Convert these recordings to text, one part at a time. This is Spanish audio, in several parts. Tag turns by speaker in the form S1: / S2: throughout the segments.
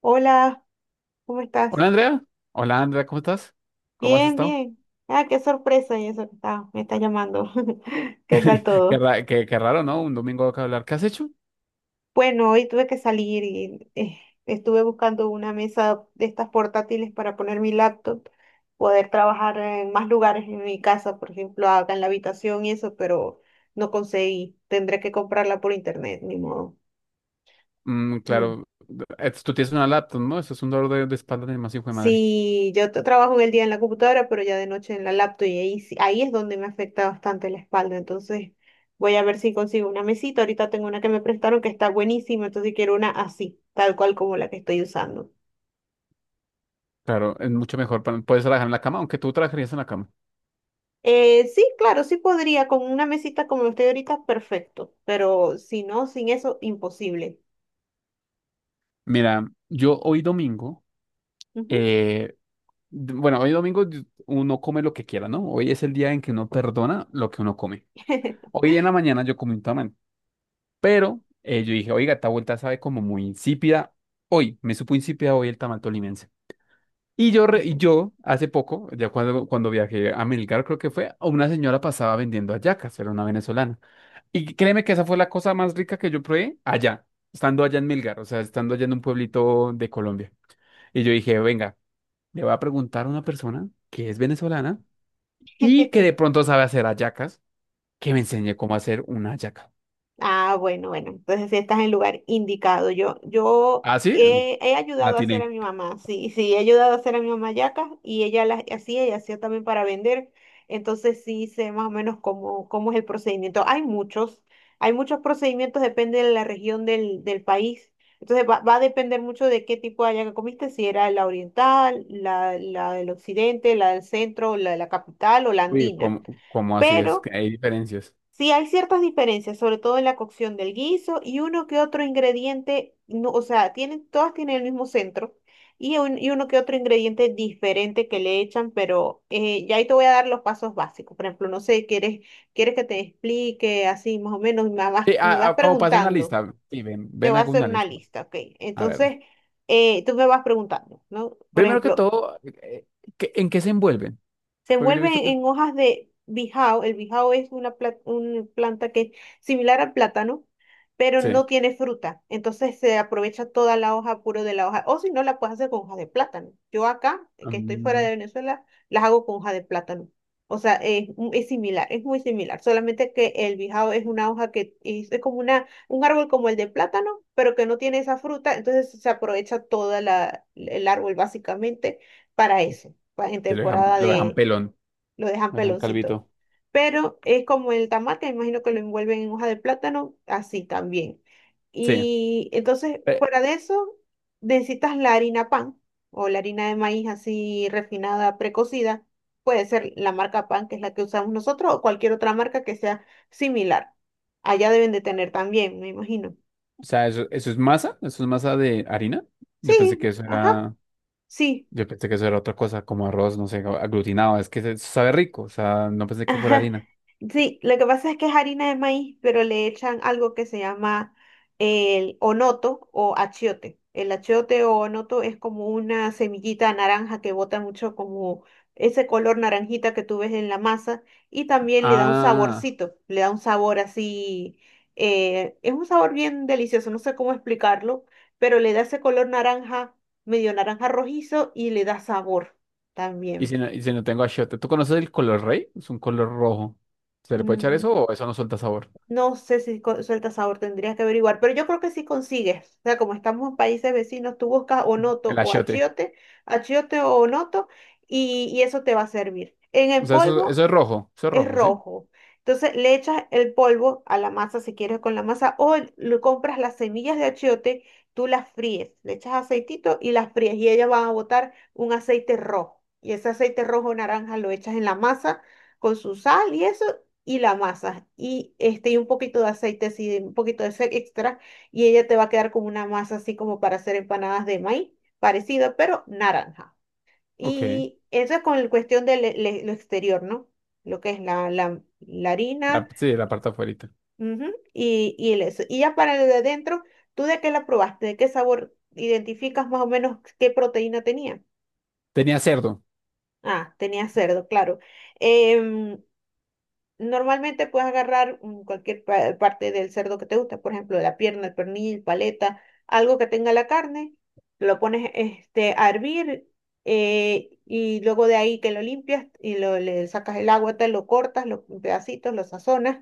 S1: Hola, ¿cómo
S2: Hola
S1: estás?
S2: Andrea, ¿cómo estás? ¿Cómo has
S1: Bien,
S2: estado?
S1: bien. Ah, qué sorpresa y eso me está llamando. ¿Qué tal todo?
S2: ¿Qué raro, no? Un domingo acá hablar. ¿Qué has hecho?
S1: Bueno, hoy tuve que salir y estuve buscando una mesa de estas portátiles para poner mi laptop, poder trabajar en más lugares en mi casa, por ejemplo, acá en la habitación y eso, pero no conseguí. Tendré que comprarla por internet, ni modo.
S2: Mm,
S1: Mm.
S2: claro, tú tienes una laptop, ¿no? Eso es un dolor de espalda de más hijo de madre.
S1: Sí, trabajo en el día en la computadora, pero ya de noche en la laptop y ahí es donde me afecta bastante la espalda. Entonces voy a ver si consigo una mesita. Ahorita tengo una que me prestaron que está buenísima, entonces quiero una así, tal cual como la que estoy usando.
S2: Claro, es mucho mejor. Puedes trabajar en la cama, aunque tú trabajarías en la cama.
S1: Sí, claro, sí podría, con una mesita como estoy ahorita, perfecto, pero si no, sin eso, imposible.
S2: Mira, yo hoy domingo,
S1: Ujú.
S2: eh, bueno, uno come lo que quiera, ¿no? Hoy es el día en que uno perdona lo que uno come. Hoy en la mañana yo comí un tamal, pero yo dije, oiga, esta vuelta sabe como muy insípida. Hoy, me supo insípida hoy el tamal tolimense. Y yo hace poco, cuando viajé a Melgar, creo que fue, una señora pasaba vendiendo hallacas, era una venezolana. Y créeme que esa fue la cosa más rica que yo probé allá, estando allá en Melgar, o sea, estando allá en un pueblito de Colombia. Y yo dije, venga, le voy a preguntar a una persona que es venezolana y que de pronto sabe hacer hallacas, que me enseñe cómo hacer una hallaca.
S1: Ah, bueno, bueno, entonces sí estás en el lugar indicado.
S2: ¿Ah, sí?
S1: He
S2: La
S1: ayudado a hacer
S2: tiene.
S1: a mi mamá, sí, sí, he ayudado a hacer a mi mamá yacas y ella las hacía y hacía también para vender. Entonces sí sé más o menos cómo es el procedimiento. Hay muchos procedimientos, depende de la región del país. Entonces va a depender mucho de qué tipo de hallaca comiste, si era la oriental, la del occidente, la del centro, la de la capital o la
S2: Uy,
S1: andina.
S2: ¿cómo, ¿Cómo así es
S1: Pero...
S2: que hay diferencias?
S1: Sí, hay ciertas diferencias, sobre todo en la cocción del guiso y uno que otro ingrediente, no, o sea, tienen, todas tienen el mismo centro y uno que otro ingrediente diferente que le echan, ya ahí te voy a dar los pasos básicos. Por ejemplo, no sé, ¿quieres que te explique así más o menos? Me vas
S2: Sí,
S1: me vas
S2: como pase una
S1: preguntando,
S2: lista. Sí, ven,
S1: te
S2: ven,
S1: voy a
S2: hago
S1: hacer
S2: una
S1: una
S2: lista.
S1: lista, ¿ok?
S2: A ver.
S1: Entonces, tú me vas preguntando, ¿no? Por
S2: Primero que
S1: ejemplo,
S2: todo, ¿en qué se envuelven?
S1: se
S2: Porque yo he
S1: envuelven
S2: visto que
S1: en hojas de bijao. El bijao es una planta que es similar al plátano, pero
S2: sí,
S1: no tiene fruta. Entonces se aprovecha toda la hoja puro de la hoja. O si no, la puedes hacer con hoja de plátano. Yo acá, que estoy fuera
S2: mm,
S1: de Venezuela, las hago con hoja de plátano. O sea, es similar, es muy similar. Solamente que el bijao es una hoja que es como un árbol como el de plátano, pero que no tiene esa fruta. Entonces se aprovecha toda el árbol básicamente para eso, en
S2: sí
S1: temporada
S2: lo dejan
S1: de
S2: pelón,
S1: lo dejan
S2: lo dejan
S1: peloncito.
S2: calvito.
S1: Pero es como el tamate, imagino que lo envuelven en hoja de plátano, así también.
S2: Sí.
S1: Y entonces,
S2: Eh,
S1: fuera de eso, necesitas la harina pan o la harina de maíz así refinada, precocida. Puede ser la marca pan, que es la que usamos nosotros, o cualquier otra marca que sea similar. Allá deben de tener también, me imagino.
S2: o sea, eso, eso es masa de harina. Yo pensé
S1: Sí,
S2: que eso
S1: ajá,
S2: era,
S1: sí.
S2: yo pensé que eso era otra cosa, como arroz, no sé, aglutinado. Es que sabe rico, o sea, no pensé que fuera
S1: Ajá.
S2: harina.
S1: Sí, lo que pasa es que es harina de maíz, pero le echan algo que se llama el onoto o achiote. El achiote o onoto es como una semillita naranja que bota mucho como ese color naranjita que tú ves en la masa y también le da un
S2: Ah,
S1: saborcito, le da un sabor así, es un sabor bien delicioso, no sé cómo explicarlo, pero le da ese color naranja, medio naranja rojizo y le da sabor también.
S2: y si no tengo achiote, ¿tú conoces el color rey? Es un color rojo. ¿Se le puede echar
S1: Mm,
S2: eso o eso no suelta sabor?
S1: no sé si suelta sabor, tendrías que averiguar, pero yo creo que sí consigues. O sea, como estamos en países vecinos, tú buscas onoto
S2: El
S1: o
S2: achiote.
S1: achiote, achiote o onoto, y eso te va a servir. En
S2: O
S1: el
S2: sea, eso,
S1: polvo
S2: eso es
S1: es
S2: rojo, ¿sí?
S1: rojo. Entonces le echas el polvo a la masa si quieres con la masa o lo compras las semillas de achiote, tú las fríes, le echas aceitito y las fríes y ellas van a botar un aceite rojo. Y ese aceite rojo naranja lo echas en la masa con su sal y eso y la masa y este y un poquito de aceite así, un poquito de ese extra y ella te va a quedar como una masa así como para hacer empanadas de maíz, parecido pero naranja.
S2: Ok.
S1: Y eso es con la cuestión de lo exterior, ¿no? Lo que es la harina,
S2: Sí, la parte afuera.
S1: ujú, y el eso. Y ya para lo de adentro, ¿tú de qué la probaste? ¿De qué sabor identificas más o menos qué proteína tenía?
S2: Tenía cerdo,
S1: Ah, tenía cerdo, claro. Em, normalmente puedes agarrar mm, cualquier parte del cerdo que te gusta, por ejemplo, la pierna, el pernil, paleta, algo que tenga la carne, lo pones este, a hervir y luego de ahí que lo limpias y le sacas el agua, te lo cortas en pedacitos, lo sazonas.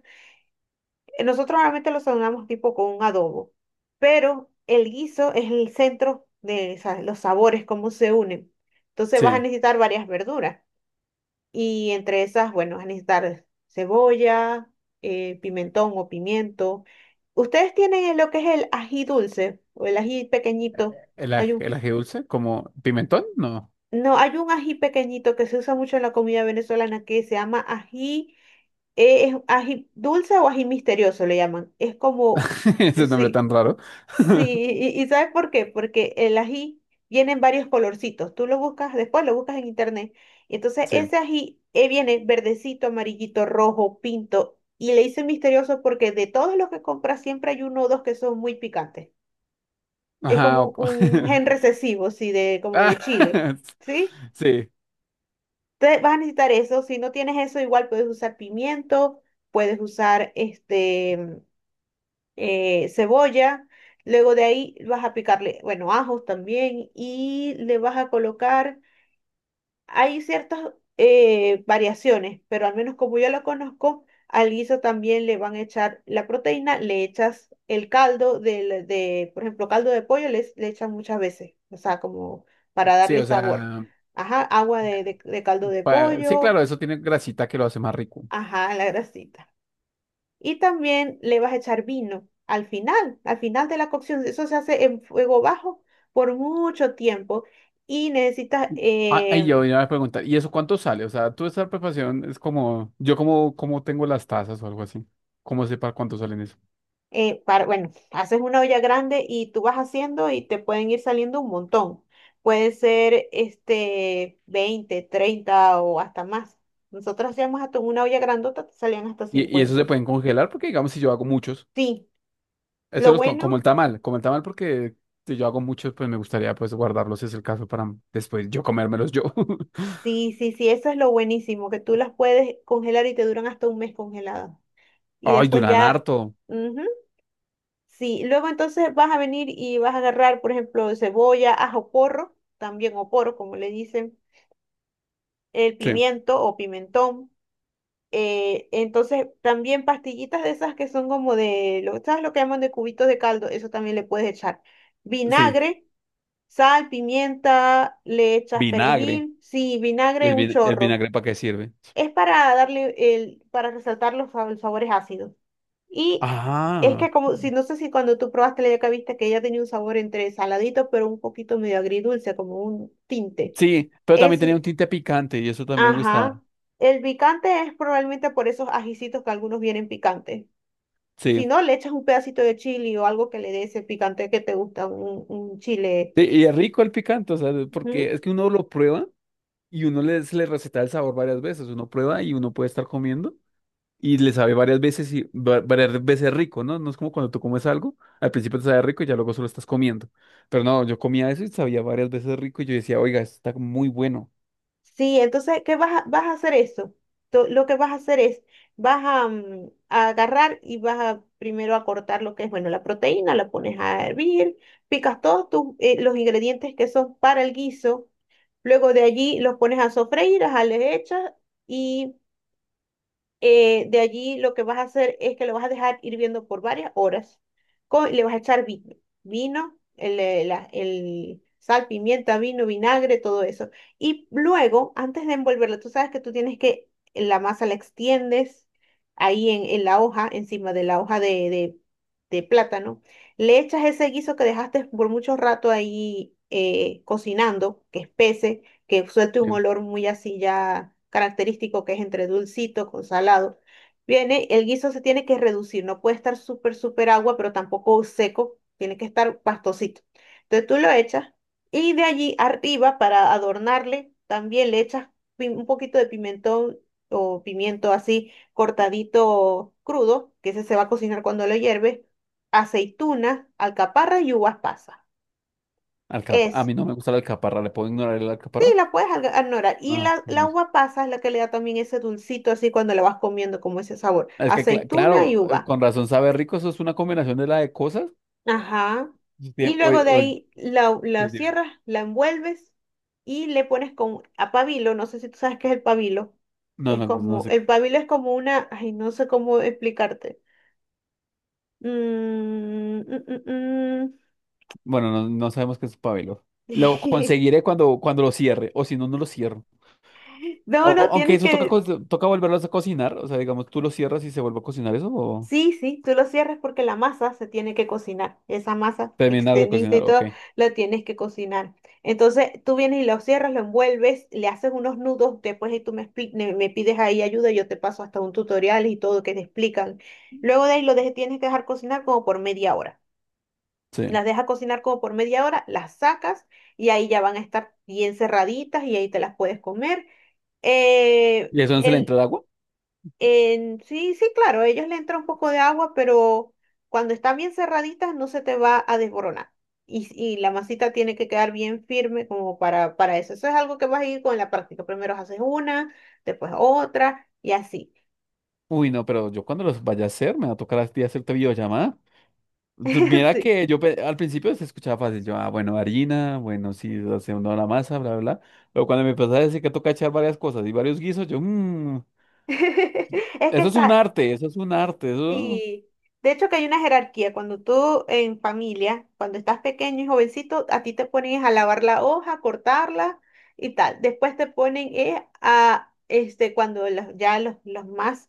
S1: Nosotros normalmente lo sazonamos tipo con un adobo, pero el guiso es el centro de los sabores, cómo se unen. Entonces vas a
S2: sí.
S1: necesitar varias verduras. Y entre esas, bueno, van a necesitar cebolla, pimentón o pimiento. ¿Ustedes tienen lo que es el ají dulce o el ají pequeñito? Hay un,
S2: El ají dulce, como pimentón, no.
S1: no, hay un ají pequeñito que se usa mucho en la comida venezolana que se llama ají, es ají dulce o ají misterioso le llaman. Es como,
S2: Ese nombre
S1: sí.
S2: tan raro.
S1: Sí, y ¿sabes por qué? Porque el ají viene en varios colorcitos. Tú lo buscas, después lo buscas en internet. Y entonces
S2: Sí.
S1: ese ají viene verdecito, amarillito, rojo, pinto. Y le hice misterioso porque de todos los que compras siempre hay uno o dos que son muy picantes. Es
S2: Ajá.
S1: como un gen recesivo, sí, de, como
S2: Ah,
S1: de chile. ¿Sí?
S2: sí,
S1: Entonces vas a necesitar eso. Si no tienes eso, igual puedes usar pimiento, puedes usar este. Eh, cebolla. Luego de ahí vas a picarle, bueno, ajos también y le vas a colocar, hay ciertas variaciones, pero al menos como yo lo conozco, al guiso también le van a echar la proteína, le echas el caldo de por ejemplo, caldo de pollo le echan muchas veces, o sea, como para
S2: sí,
S1: darle
S2: o
S1: sabor.
S2: sea,
S1: Ajá, agua de caldo de
S2: sí,
S1: pollo,
S2: claro, eso tiene grasita que lo hace más rico.
S1: ajá, la grasita. Y también le vas a echar vino al final de la cocción. Eso se hace en fuego bajo por mucho tiempo y necesitas,
S2: Ah, y yo iba a preguntar, ¿y eso cuánto sale? O sea, tú esa preparación es como, yo como, como tengo las tazas o algo así. ¿Cómo sé para cuánto salen eso?
S1: para, bueno, haces una olla grande y tú vas haciendo y te pueden ir saliendo un montón. Puede ser este 20 o 30 o hasta más. Nosotros hacíamos hasta una olla grandota, te salían hasta
S2: Y eso se
S1: 50.
S2: pueden congelar porque, digamos, si yo hago muchos.
S1: Sí, lo
S2: Como
S1: bueno,
S2: el tamal, como el tamal porque si yo hago muchos, pues me gustaría pues guardarlos si es el caso para después yo comérmelos yo.
S1: sí, sí, sí, eso es lo buenísimo, que tú las puedes congelar y te duran hasta un mes congeladas. Y
S2: Ay,
S1: después
S2: duran
S1: ya,
S2: harto.
S1: ujú, sí, luego entonces vas a venir y vas a agarrar, por ejemplo, cebolla, ajo porro, también o porro, como le dicen, el
S2: Sí,
S1: pimiento o pimentón. Eh, entonces también pastillitas de esas que son como de, ¿sabes lo que llaman de cubitos de caldo? Eso también le puedes echar.
S2: sí.
S1: Vinagre, sal, pimienta, le echas
S2: Vinagre.
S1: perejil, sí, vinagre un
S2: El
S1: chorro.
S2: vinagre para qué sirve?
S1: Es para darle el, para resaltar los sabores ácidos. Y es
S2: Ah,
S1: que como, si no sé si cuando tú probaste la yaca viste que ella tenía un sabor entre saladito, pero un poquito medio agridulce, como un tinte.
S2: sí, pero también
S1: Es,
S2: tenía un tinte picante y eso también me gusta.
S1: ajá. El picante es probablemente por esos ajicitos que algunos vienen picantes. Si
S2: Sí.
S1: no, le echas un pedacito de chili o algo que le dé ese picante que te gusta, un chile.
S2: Sí, y es rico el picante, o sea, porque
S1: Ujú.
S2: es que uno lo prueba y uno le, se le receta el sabor varias veces. Uno prueba y uno puede estar comiendo. Y le sabe varias veces y varias veces rico, ¿no? No es como cuando tú comes algo, al principio te sabe rico y ya luego solo estás comiendo. Pero no, yo comía eso y sabía varias veces rico y yo decía, oiga, esto está muy bueno.
S1: Sí, entonces, ¿qué vas a hacer eso? Lo que vas a hacer es, vas a a agarrar y vas a primero a cortar lo que es, bueno, la proteína, la pones a hervir, picas todos tus, los ingredientes que son para el guiso, luego de allí los pones a sofreír, a le echas de allí lo que vas a hacer es que lo vas a dejar hirviendo por varias horas. Y le vas a echar vino, el sal, pimienta, vino, vinagre, todo eso. Y luego, antes de envolverlo, tú sabes que tú tienes que la masa la extiendes ahí en la hoja, encima de la hoja de plátano. Le echas ese guiso que dejaste por mucho rato ahí cocinando, que espese, que suelte un
S2: Sí.
S1: olor muy así ya característico que es entre dulcito con salado. Viene, el guiso se tiene que reducir, no puede estar súper, súper agua, pero tampoco seco, tiene que estar pastosito. Entonces tú lo echas y de allí arriba para adornarle también le echas un poquito de pimentón o pimiento así cortadito crudo, que ese se va a cocinar cuando lo hierves, aceituna, alcaparras y uvas pasas.
S2: A
S1: Eso.
S2: mí no me gusta la alcaparra, ¿le puedo ignorar el
S1: Sí,
S2: alcaparra?
S1: la puedes ignorar. Y
S2: Ah,
S1: la
S2: no.
S1: uva pasa es la que le da también ese dulcito así cuando la vas comiendo, como ese sabor.
S2: Es que,
S1: Aceituna y
S2: claro,
S1: uva.
S2: con razón sabe rico, eso es una combinación de la de cosas.
S1: Ajá.
S2: Sí,
S1: Y luego
S2: oye,
S1: de
S2: oye,
S1: ahí la
S2: sí, dime.
S1: cierras, la envuelves y le pones con a pabilo. No sé si tú sabes qué es el pabilo.
S2: No,
S1: Es
S2: no, no
S1: como,
S2: sé.
S1: el pabilo es como una, ay, no sé cómo explicarte. Mm, mm, mm,
S2: Bueno, no, no sabemos qué es pabelo. Lo
S1: mm.
S2: conseguiré cuando lo cierre, o si no, no lo cierro.
S1: No, no,
S2: Aunque
S1: tienes
S2: eso toca,
S1: que.
S2: toca volverlos a cocinar, o sea, digamos, tú lo cierras y se vuelve a cocinar eso, o
S1: Sí, sí, tú lo cierras porque la masa se tiene que cocinar. Esa masa que
S2: terminar de
S1: extendiste y
S2: cocinar, ok.
S1: todo, la tienes que cocinar. Entonces tú vienes y lo cierras, lo envuelves, le haces unos nudos, después y tú me, me pides ahí ayuda, yo te paso hasta un tutorial y todo que te explican. Luego de ahí tienes que dejar cocinar como por ½ hora.
S2: Sí.
S1: Las dejas cocinar como por media hora, las sacas y ahí ya van a estar bien cerraditas y ahí te las puedes comer. Eh,
S2: ¿Y eso no se le entra
S1: el-
S2: el agua?
S1: sí, sí, claro, ellos le entra un poco de agua, pero cuando están bien cerraditas no se te va a desboronar. Y la masita tiene que quedar bien firme como para eso. Eso es algo que vas a ir con la práctica. Primero haces una, después otra y así.
S2: Uy, no, pero yo cuando los vaya a hacer, me va a tocar a ti hacerte videollamada. Mira
S1: Sí.
S2: que yo al principio se escuchaba fácil, yo, ah, bueno, harina, bueno, sí, hace una la masa, bla, bla, bla. Pero cuando me empezaba a decir que toca echar varias cosas y varios guisos, yo, mmm,
S1: Es que
S2: eso es un
S1: está.
S2: arte, eso es un arte, eso,
S1: Sí, de hecho que hay una jerarquía. Cuando tú en familia, cuando estás pequeño y jovencito, a ti te ponen a lavar la hoja, cortarla y tal. Después te ponen a, este, cuando los más,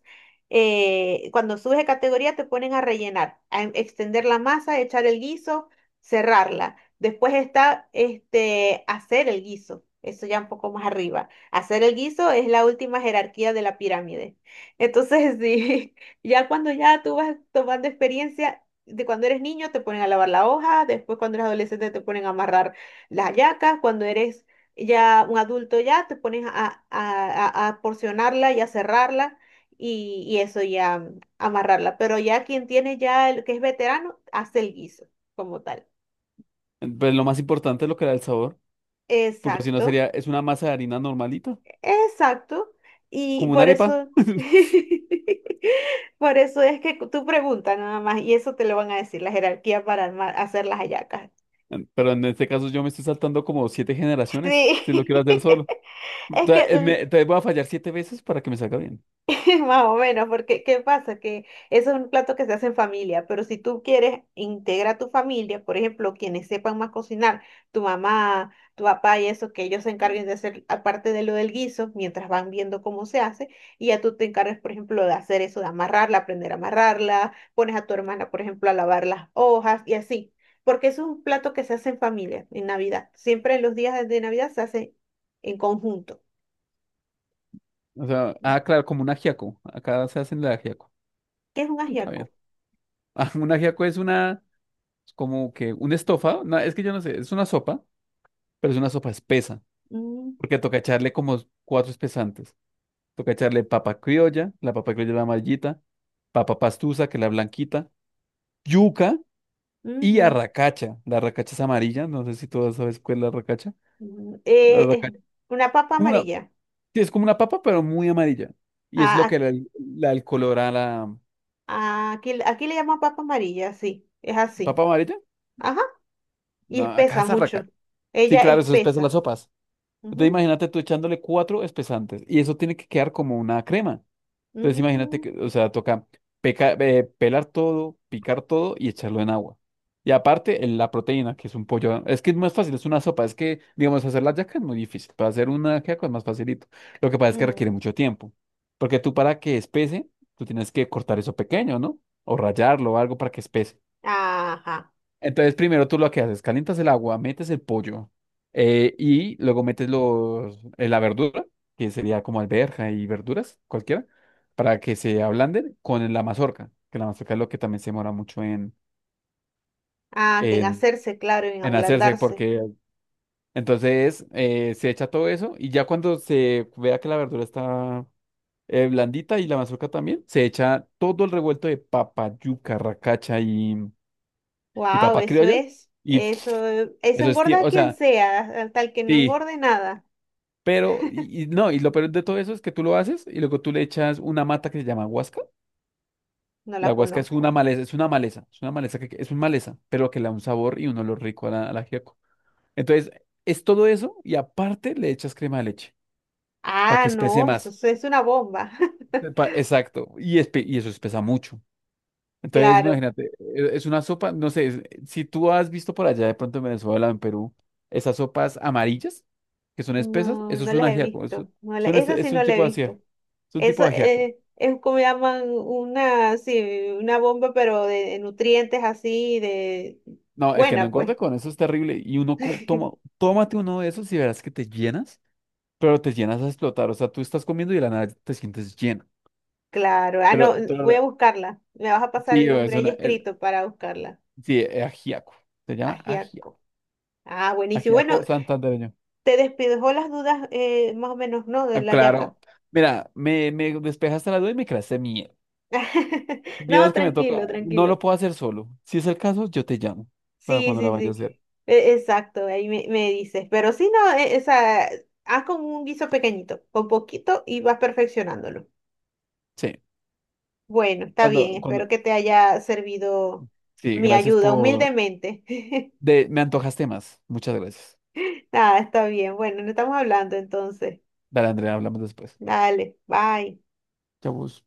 S1: cuando subes de categoría, te ponen a rellenar, a extender la masa, echar el guiso, cerrarla. Después está, este, hacer el guiso. Eso ya un poco más arriba. Hacer el guiso es la última jerarquía de la pirámide. Entonces, sí. Ya cuando ya tú vas tomando experiencia, de cuando eres niño te ponen a lavar la hoja, después cuando eres adolescente te ponen a amarrar las hallacas, cuando eres ya un adulto ya te pones a, a porcionarla y a cerrarla y eso ya amarrarla. Pero ya quien tiene ya el que es veterano hace el guiso como tal.
S2: pues lo más importante es lo que da el sabor. Porque si no sería,
S1: Exacto.
S2: es una masa de harina normalita,
S1: Exacto. Y
S2: como una
S1: por
S2: arepa.
S1: eso, por eso es que tú preguntas nada más y eso te lo van a decir la jerarquía para hacer las hallacas.
S2: Pero en este caso yo me estoy saltando como siete generaciones, si lo quiero
S1: Sí.
S2: hacer solo. O
S1: Es
S2: sea,
S1: que
S2: entonces voy a fallar siete veces para que me salga bien.
S1: más o menos, porque ¿qué pasa? Que eso es un plato que se hace en familia, pero si tú quieres integrar a tu familia, por ejemplo, quienes sepan más cocinar, tu mamá, tu papá y eso, que ellos se encarguen de hacer aparte de lo del guiso, mientras van viendo cómo se hace, y ya tú te encargas, por ejemplo, de hacer eso, de amarrarla, aprender a amarrarla, pones a tu hermana, por ejemplo, a lavar las hojas y así, porque eso es un plato que se hace en familia, en Navidad. Siempre en los días de Navidad se hace en conjunto.
S2: O sea, ah, claro, como un ajiaco. Acá se hacen de ajiaco.
S1: ¿Qué es un
S2: Está bien.
S1: ajiaco?
S2: Ah, un ajiaco es una, como que un estofado. No, es que yo no sé, es una sopa, pero es una sopa espesa.
S1: Mm,
S2: Porque toca echarle como cuatro espesantes. Toca echarle papa criolla, la papa criolla es la amarillita, papa pastusa, que es la blanquita, yuca. Y
S1: ujú.
S2: arracacha. La arracacha es amarilla, no sé si todas sabes cuál es la arracacha.
S1: Mm,
S2: La
S1: es
S2: arracacha es
S1: una papa
S2: como una,
S1: amarilla.
S2: sí, es como una papa, pero muy amarilla. Y es lo
S1: A-
S2: que le da el color a la
S1: Aquí, aquí le llaman papa amarilla, sí, es así.
S2: papa amarilla.
S1: Ajá, y
S2: No, acá
S1: espesa
S2: es
S1: mucho.
S2: arracacha. Sí,
S1: Ella
S2: claro, eso espesa las
S1: espesa.
S2: sopas. Entonces
S1: Ujú.
S2: imagínate tú echándole cuatro espesantes y eso tiene que quedar como una crema. Entonces imagínate que, o sea, toca pelar todo, picar todo y echarlo en agua. Y aparte, la proteína, que es un pollo. Es que es más fácil, es una sopa. Es que, digamos, hacer la yaca es muy difícil. Para hacer una yaca es más facilito. Lo que pasa
S1: Mm,
S2: es que requiere
S1: mm.
S2: mucho tiempo. Porque tú para que espese, tú tienes que cortar eso pequeño, ¿no? O rallarlo o algo para que espese.
S1: Ajá.
S2: Entonces, primero tú lo que haces, calientas el agua, metes el pollo y luego metes la verdura, que sería como alberja y verduras, cualquiera, para que se ablanden con la mazorca, que la mazorca es lo que también se demora mucho
S1: Ah, que en
S2: en,
S1: hacerse, claro, en
S2: en hacerse,
S1: ablandarse.
S2: porque entonces se echa todo eso y ya cuando se vea que la verdura está blandita y la mazorca también, se echa todo el revuelto de papa, yuca, racacha y
S1: Wow,
S2: papa
S1: eso
S2: criolla
S1: es.
S2: y
S1: Eso,
S2: pff,
S1: eso
S2: eso es,
S1: engorda a
S2: o
S1: quien
S2: sea...
S1: sea, a- tal que no
S2: Sí,
S1: engorde nada.
S2: pero, y no, y lo peor de todo eso es que tú lo haces y luego tú le echas una mata que se llama huasca.
S1: No
S2: La
S1: la
S2: huasca es una
S1: conozco.
S2: maleza, es una maleza, es una maleza que es un maleza, pero que le da un sabor y un olor rico a a la ajiaco. Entonces, es todo eso y aparte le echas crema de leche para
S1: Ah,
S2: que espese
S1: no, eso,
S2: más.
S1: eso es una bomba.
S2: Exacto, y eso espesa mucho. Entonces,
S1: Claro.
S2: imagínate, es una sopa, no sé, si tú has visto por allá de pronto en Venezuela, en Perú, esas sopas amarillas que son espesas,
S1: No,
S2: eso
S1: no
S2: es un
S1: las he
S2: ajiaco,
S1: visto.
S2: son
S1: Esa sí
S2: es un
S1: no la he
S2: tipo de
S1: visto.
S2: ajiaco, es un tipo
S1: Eso
S2: de ajiaco.
S1: es como llaman una, sí, una bomba, pero de nutrientes así, de
S2: No, el que no
S1: buena, pues.
S2: engorde con eso es terrible. Y uno toma, tómate uno de esos y verás que te llenas, pero te llenas a explotar. O sea, tú estás comiendo y de la nada te sientes lleno.
S1: Claro. Ah, no,
S2: Pero
S1: voy a buscarla. Me vas a pasar
S2: sí,
S1: el
S2: es
S1: nombre ahí
S2: una,
S1: escrito para buscarla.
S2: sí, es ajiaco. Se llama
S1: Ajiaco. Ah, buenísimo.
S2: ajiaco
S1: Bueno,
S2: santandereño.
S1: te despejó las dudas más o menos, ¿no? De
S2: Ah,
S1: la yaca.
S2: claro. Mira, me despejaste la duda y me creaste miedo.
S1: No,
S2: Miedos que me toca.
S1: tranquilo,
S2: No
S1: tranquilo.
S2: lo puedo hacer solo. Si es el caso, yo te llamo para
S1: Sí,
S2: cuando la
S1: sí,
S2: vaya a
S1: sí.
S2: hacer.
S1: E- Exacto, ahí me, me dices. Pero sí, no, e- esa, haz con un guiso pequeñito, con poquito y vas perfeccionándolo.
S2: Sí.
S1: Bueno, está bien,
S2: Cuando, cuando.
S1: espero que te haya servido
S2: Sí,
S1: mi
S2: gracias
S1: ayuda,
S2: por.
S1: humildemente.
S2: De, me antojaste más. Muchas gracias.
S1: Nada, está bien. Bueno, no estamos hablando entonces.
S2: Dale, Andrea, hablamos después.
S1: Dale, bye.
S2: Chavos.